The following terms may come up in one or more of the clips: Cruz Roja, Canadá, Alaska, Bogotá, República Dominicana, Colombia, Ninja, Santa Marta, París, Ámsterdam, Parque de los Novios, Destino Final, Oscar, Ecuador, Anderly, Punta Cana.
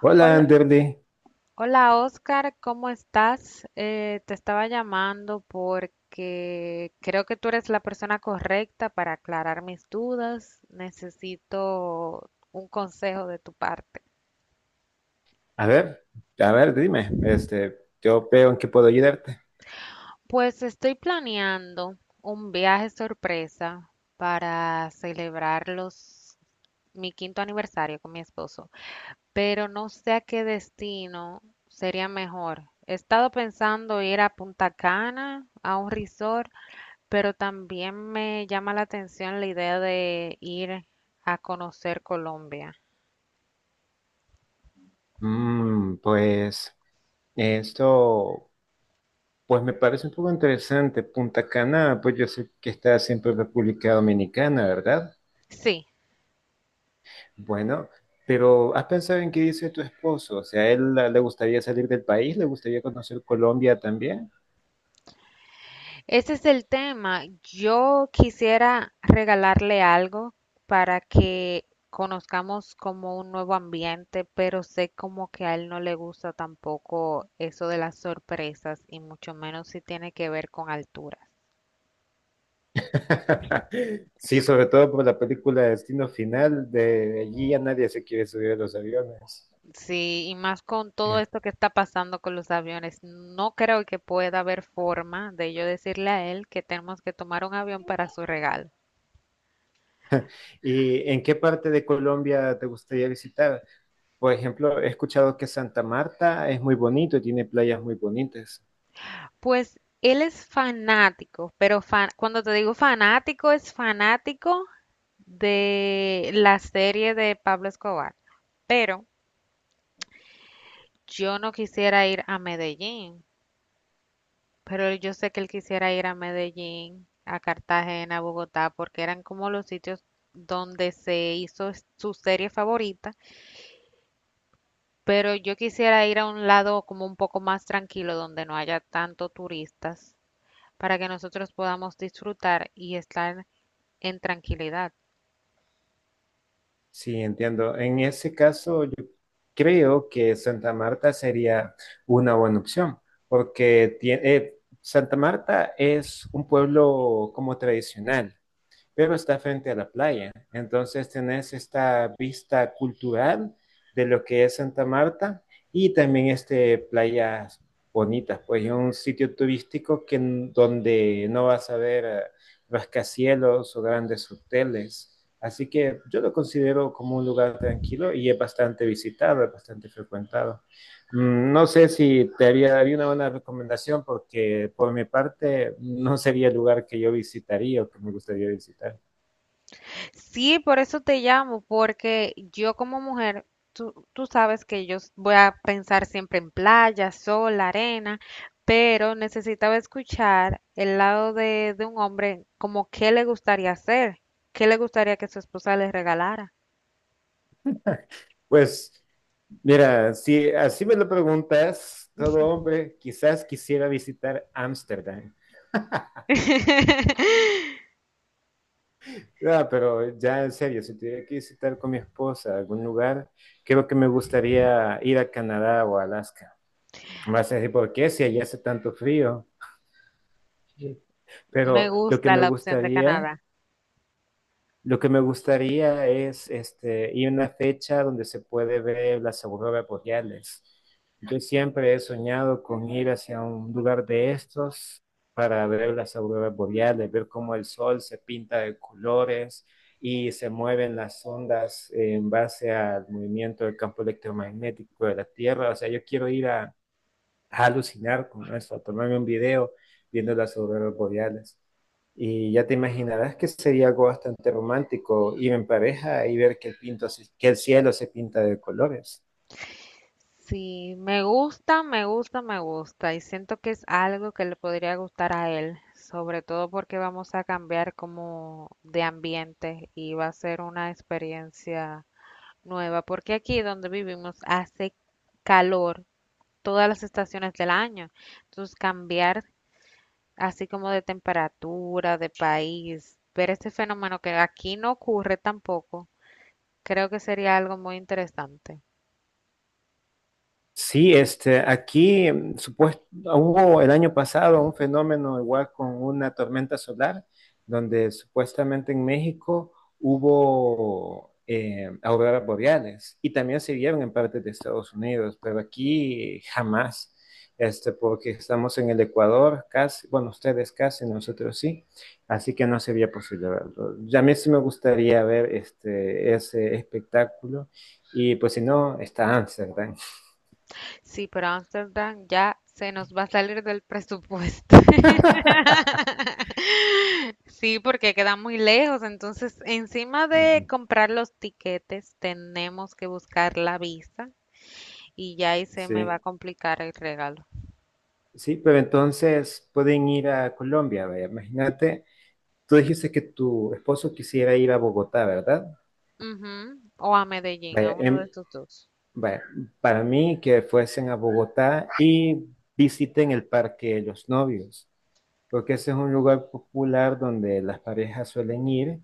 Hola, Hola, Anderly. hola, Oscar, ¿cómo estás? Te estaba llamando porque creo que tú eres la persona correcta para aclarar mis dudas. Necesito un consejo de tu parte. A ver, a ver, dime, este, yo veo en qué puedo ayudarte. Pues estoy planeando un viaje sorpresa para celebrar mi quinto aniversario con mi esposo, pero no sé a qué destino sería mejor. He estado pensando ir a Punta Cana, a un resort. Pero también me llama la atención la idea de ir a conocer Colombia. Pues esto, pues me parece un poco interesante. Punta Cana, pues yo sé que está siempre en República Dominicana, ¿verdad? Sí, Bueno, pero ¿has pensado en qué dice tu esposo? O sea, ¿a él le gustaría salir del país? ¿Le gustaría conocer Colombia también? ese es el tema. Yo quisiera regalarle algo para que conozcamos como un nuevo ambiente, pero sé como que a él no le gusta tampoco eso de las sorpresas y mucho menos si tiene que ver con alturas. Sí, sobre todo por la película Destino Final, de allí a nadie se quiere subir a los aviones. Sí, y más con todo esto que está pasando con los aviones, no creo que pueda haber forma de yo decirle a él que tenemos que tomar un avión para su regalo. ¿Y en qué parte de Colombia te gustaría visitar? Por ejemplo, he escuchado que Santa Marta es muy bonito y tiene playas muy bonitas. Pues él es fanático, pero cuando te digo fanático, es fanático de la serie de Pablo Escobar. Pero yo no quisiera ir a Medellín, pero yo sé que él quisiera ir a Medellín, a Cartagena, a Bogotá, porque eran como los sitios donde se hizo su serie favorita. Pero yo quisiera ir a un lado como un poco más tranquilo, donde no haya tanto turistas, para que nosotros podamos disfrutar y estar en tranquilidad. Sí, entiendo. En ese caso, yo creo que Santa Marta sería una buena opción, porque Santa Marta es un pueblo como tradicional, pero está frente a la playa. Entonces tenés esta vista cultural de lo que es Santa Marta y también este playas bonitas, pues es un sitio turístico que, donde no vas a ver rascacielos o grandes hoteles. Así que yo lo considero como un lugar tranquilo y es bastante visitado, es bastante frecuentado. No sé si te haría una buena recomendación porque por mi parte no sería el lugar que yo visitaría o que me gustaría visitar. Sí, por eso te llamo, porque yo como mujer, tú sabes que yo voy a pensar siempre en playa, sol, arena, pero necesitaba escuchar el lado de un hombre, como qué le gustaría hacer, qué le gustaría que su esposa le regalara. Pues mira, si así me lo preguntas, todo hombre quizás quisiera visitar Ámsterdam. Ah, pero ya en serio, si tuviera que visitar con mi esposa algún lugar, creo que me gustaría ir a Canadá o a Alaska. Más así, ¿por qué? Si allá hace tanto frío. Me Pero lo que gusta me la opción de gustaría Canadá. Lo que me gustaría es este, ir a una fecha donde se puede ver las auroras boreales. Yo siempre he soñado con ir hacia un lugar de estos para ver las auroras boreales, ver cómo el sol se pinta de colores y se mueven las ondas en base al movimiento del campo electromagnético de la Tierra. O sea, yo quiero ir a alucinar con eso, a tomarme un video viendo las auroras boreales. Y ya te imaginarás que sería algo bastante romántico ir en pareja y ver que que el cielo se pinta de colores. Sí, me gusta, me gusta, me gusta y siento que es algo que le podría gustar a él, sobre todo porque vamos a cambiar como de ambiente y va a ser una experiencia nueva, porque aquí donde vivimos hace calor todas las estaciones del año, entonces cambiar así como de temperatura, de país, ver este fenómeno que aquí no ocurre tampoco, creo que sería algo muy interesante. Sí, este, aquí supuesto, hubo el año pasado un fenómeno igual con una tormenta solar, donde supuestamente en México hubo auroras boreales y también se vieron en partes de Estados Unidos, pero aquí jamás, este, porque estamos en el Ecuador, casi, bueno, ustedes casi, nosotros sí, así que no sería posible verlo. Ya a mí sí me gustaría ver este, ese espectáculo y pues si no, está Amsterdam. Sí, pero Ámsterdam ya se nos va a salir del presupuesto. Sí, porque queda muy lejos. Entonces, encima de Ujú. comprar los tiquetes, tenemos que buscar la visa y ya ahí se me va a Sí, complicar el regalo. sí, pero entonces pueden ir a Colombia, vaya, imagínate, tú dijiste que tu esposo quisiera ir a Bogotá, ¿verdad? Ujú. O a Medellín, a Vaya, uno de estos dos. vaya, para mí que fuesen a Bogotá y visiten el Parque de los Novios, porque ese es un lugar popular donde las parejas suelen ir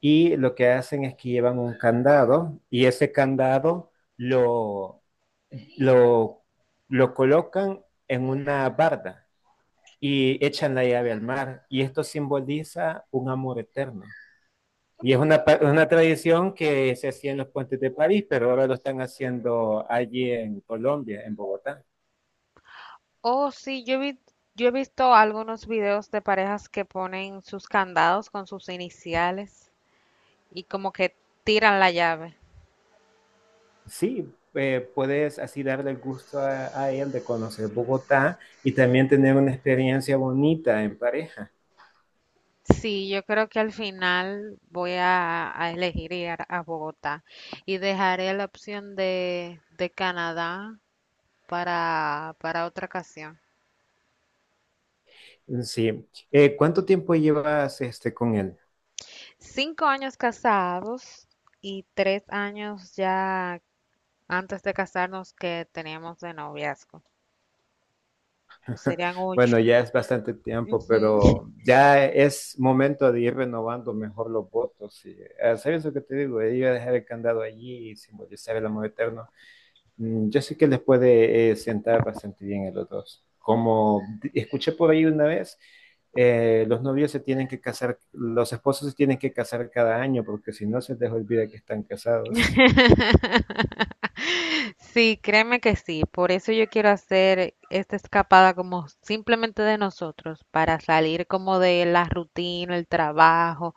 y lo que hacen es que llevan un candado y ese candado lo, lo colocan en una barda y echan la llave al mar. Y esto simboliza un amor eterno. Y es una tradición que se hacía en los puentes de París, pero ahora lo están haciendo allí en Colombia, en Bogotá. Oh, sí, yo he visto algunos videos de parejas que ponen sus candados con sus iniciales y como que tiran la llave. Sí, puedes así darle el gusto a él de conocer Bogotá y también tener una experiencia bonita en pareja. Sí, yo creo que al final voy a elegir ir a Bogotá y dejaré la opción de Canadá para otra ocasión. Sí. ¿Cuánto tiempo llevas este, con él? 5 años casados y 3 años ya antes de casarnos que teníamos de noviazgo. Pues serían ocho. Bueno, ya es bastante tiempo, Ujú. pero ya es momento de ir renovando mejor los votos. Y ah, ¿sabes lo que te digo? Ir a dejar el candado allí y simbolizar el amor eterno. Yo sé que les puede sentar bastante bien a los dos. Como escuché por ahí una vez, los novios se tienen que casar, los esposos se tienen que casar cada año, porque si no se les olvida que están casados. Sí, créeme que sí. Por eso yo quiero hacer esta escapada como simplemente de nosotros, para salir como de la rutina, el trabajo,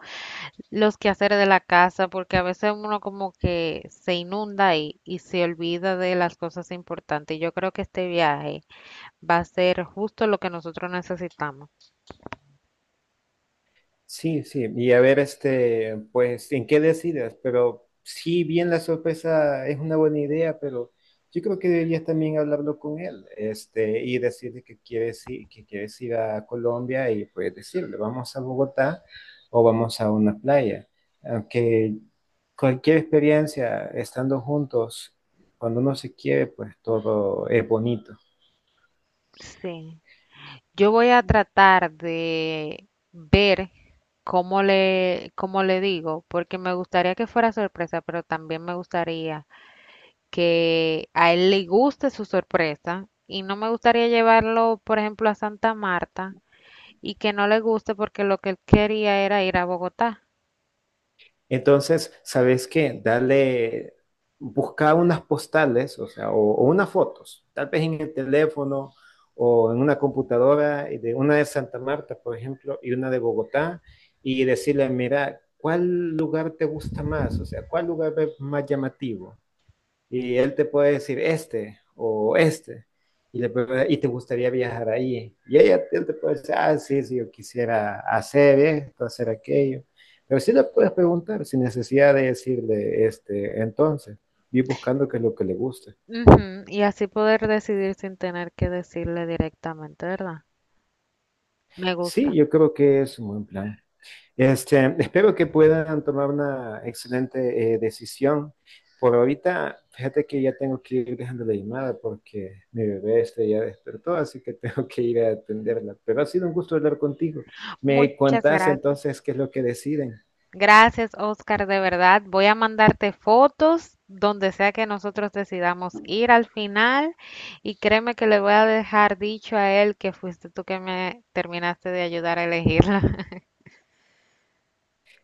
los quehaceres de la casa, porque a veces uno como que se inunda y se olvida de las cosas importantes. Yo creo que este viaje va a ser justo lo que nosotros necesitamos. Sí, sí, y a ver, este, pues, ¿en qué decidas? Pero sí, bien la sorpresa es una buena idea, pero yo creo que deberías también hablarlo con él, este, y decirle que quieres ir a Colombia y pues decirle, vamos a Bogotá o vamos a una playa. Aunque cualquier experiencia estando juntos, cuando uno se quiere, pues todo es bonito. Sí. Yo voy a Mm. tratar de ver cómo le digo, porque me gustaría que fuera sorpresa, pero también me gustaría que a él le guste su sorpresa y no me gustaría llevarlo, por ejemplo, a Santa Marta y que no le guste porque lo que él quería era ir a Bogotá. Entonces, ¿sabes qué? Dale, busca unas postales, o sea, o unas fotos, tal vez en el teléfono o en una computadora, y de una de Santa Marta, por ejemplo, y una de Bogotá, y decirle, mira, ¿cuál lugar te gusta más? O sea, ¿cuál lugar es más llamativo? Y él te puede decir este o este. Y, y te gustaría viajar ahí. Y ella, él te puede decir, ah, sí, sí, yo quisiera hacer esto, hacer aquello. Pero sí le puedes preguntar sin necesidad de decirle, este, entonces, ir buscando qué es lo que le gusta. Ujú. Y así poder decidir sin tener que decirle directamente, ¿verdad? Me Sí, gusta. yo creo que es un buen plan. Este, espero que puedan tomar una excelente decisión. Por ahorita, fíjate que ya tengo que ir dejando la llamada porque mi bebé este ya despertó, así que tengo que ir a atenderla. Pero ha sido un gusto hablar contigo. Me Muchas contás gracias. entonces qué es lo que deciden. Gracias, Oscar, de verdad. Voy a mandarte fotos donde sea que nosotros decidamos ir al final y créeme que le voy a dejar dicho a él que fuiste tú que me terminaste de ayudar a elegirla.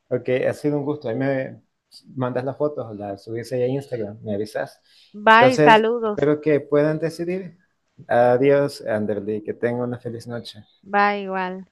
Ok, ha sido un gusto. Ahí me mandas las fotos, las subís ahí a Instagram, me avisas. Bye, Entonces, saludos. espero que puedan decidir. Adiós, Anderly, que tenga una feliz noche. Bye, igual.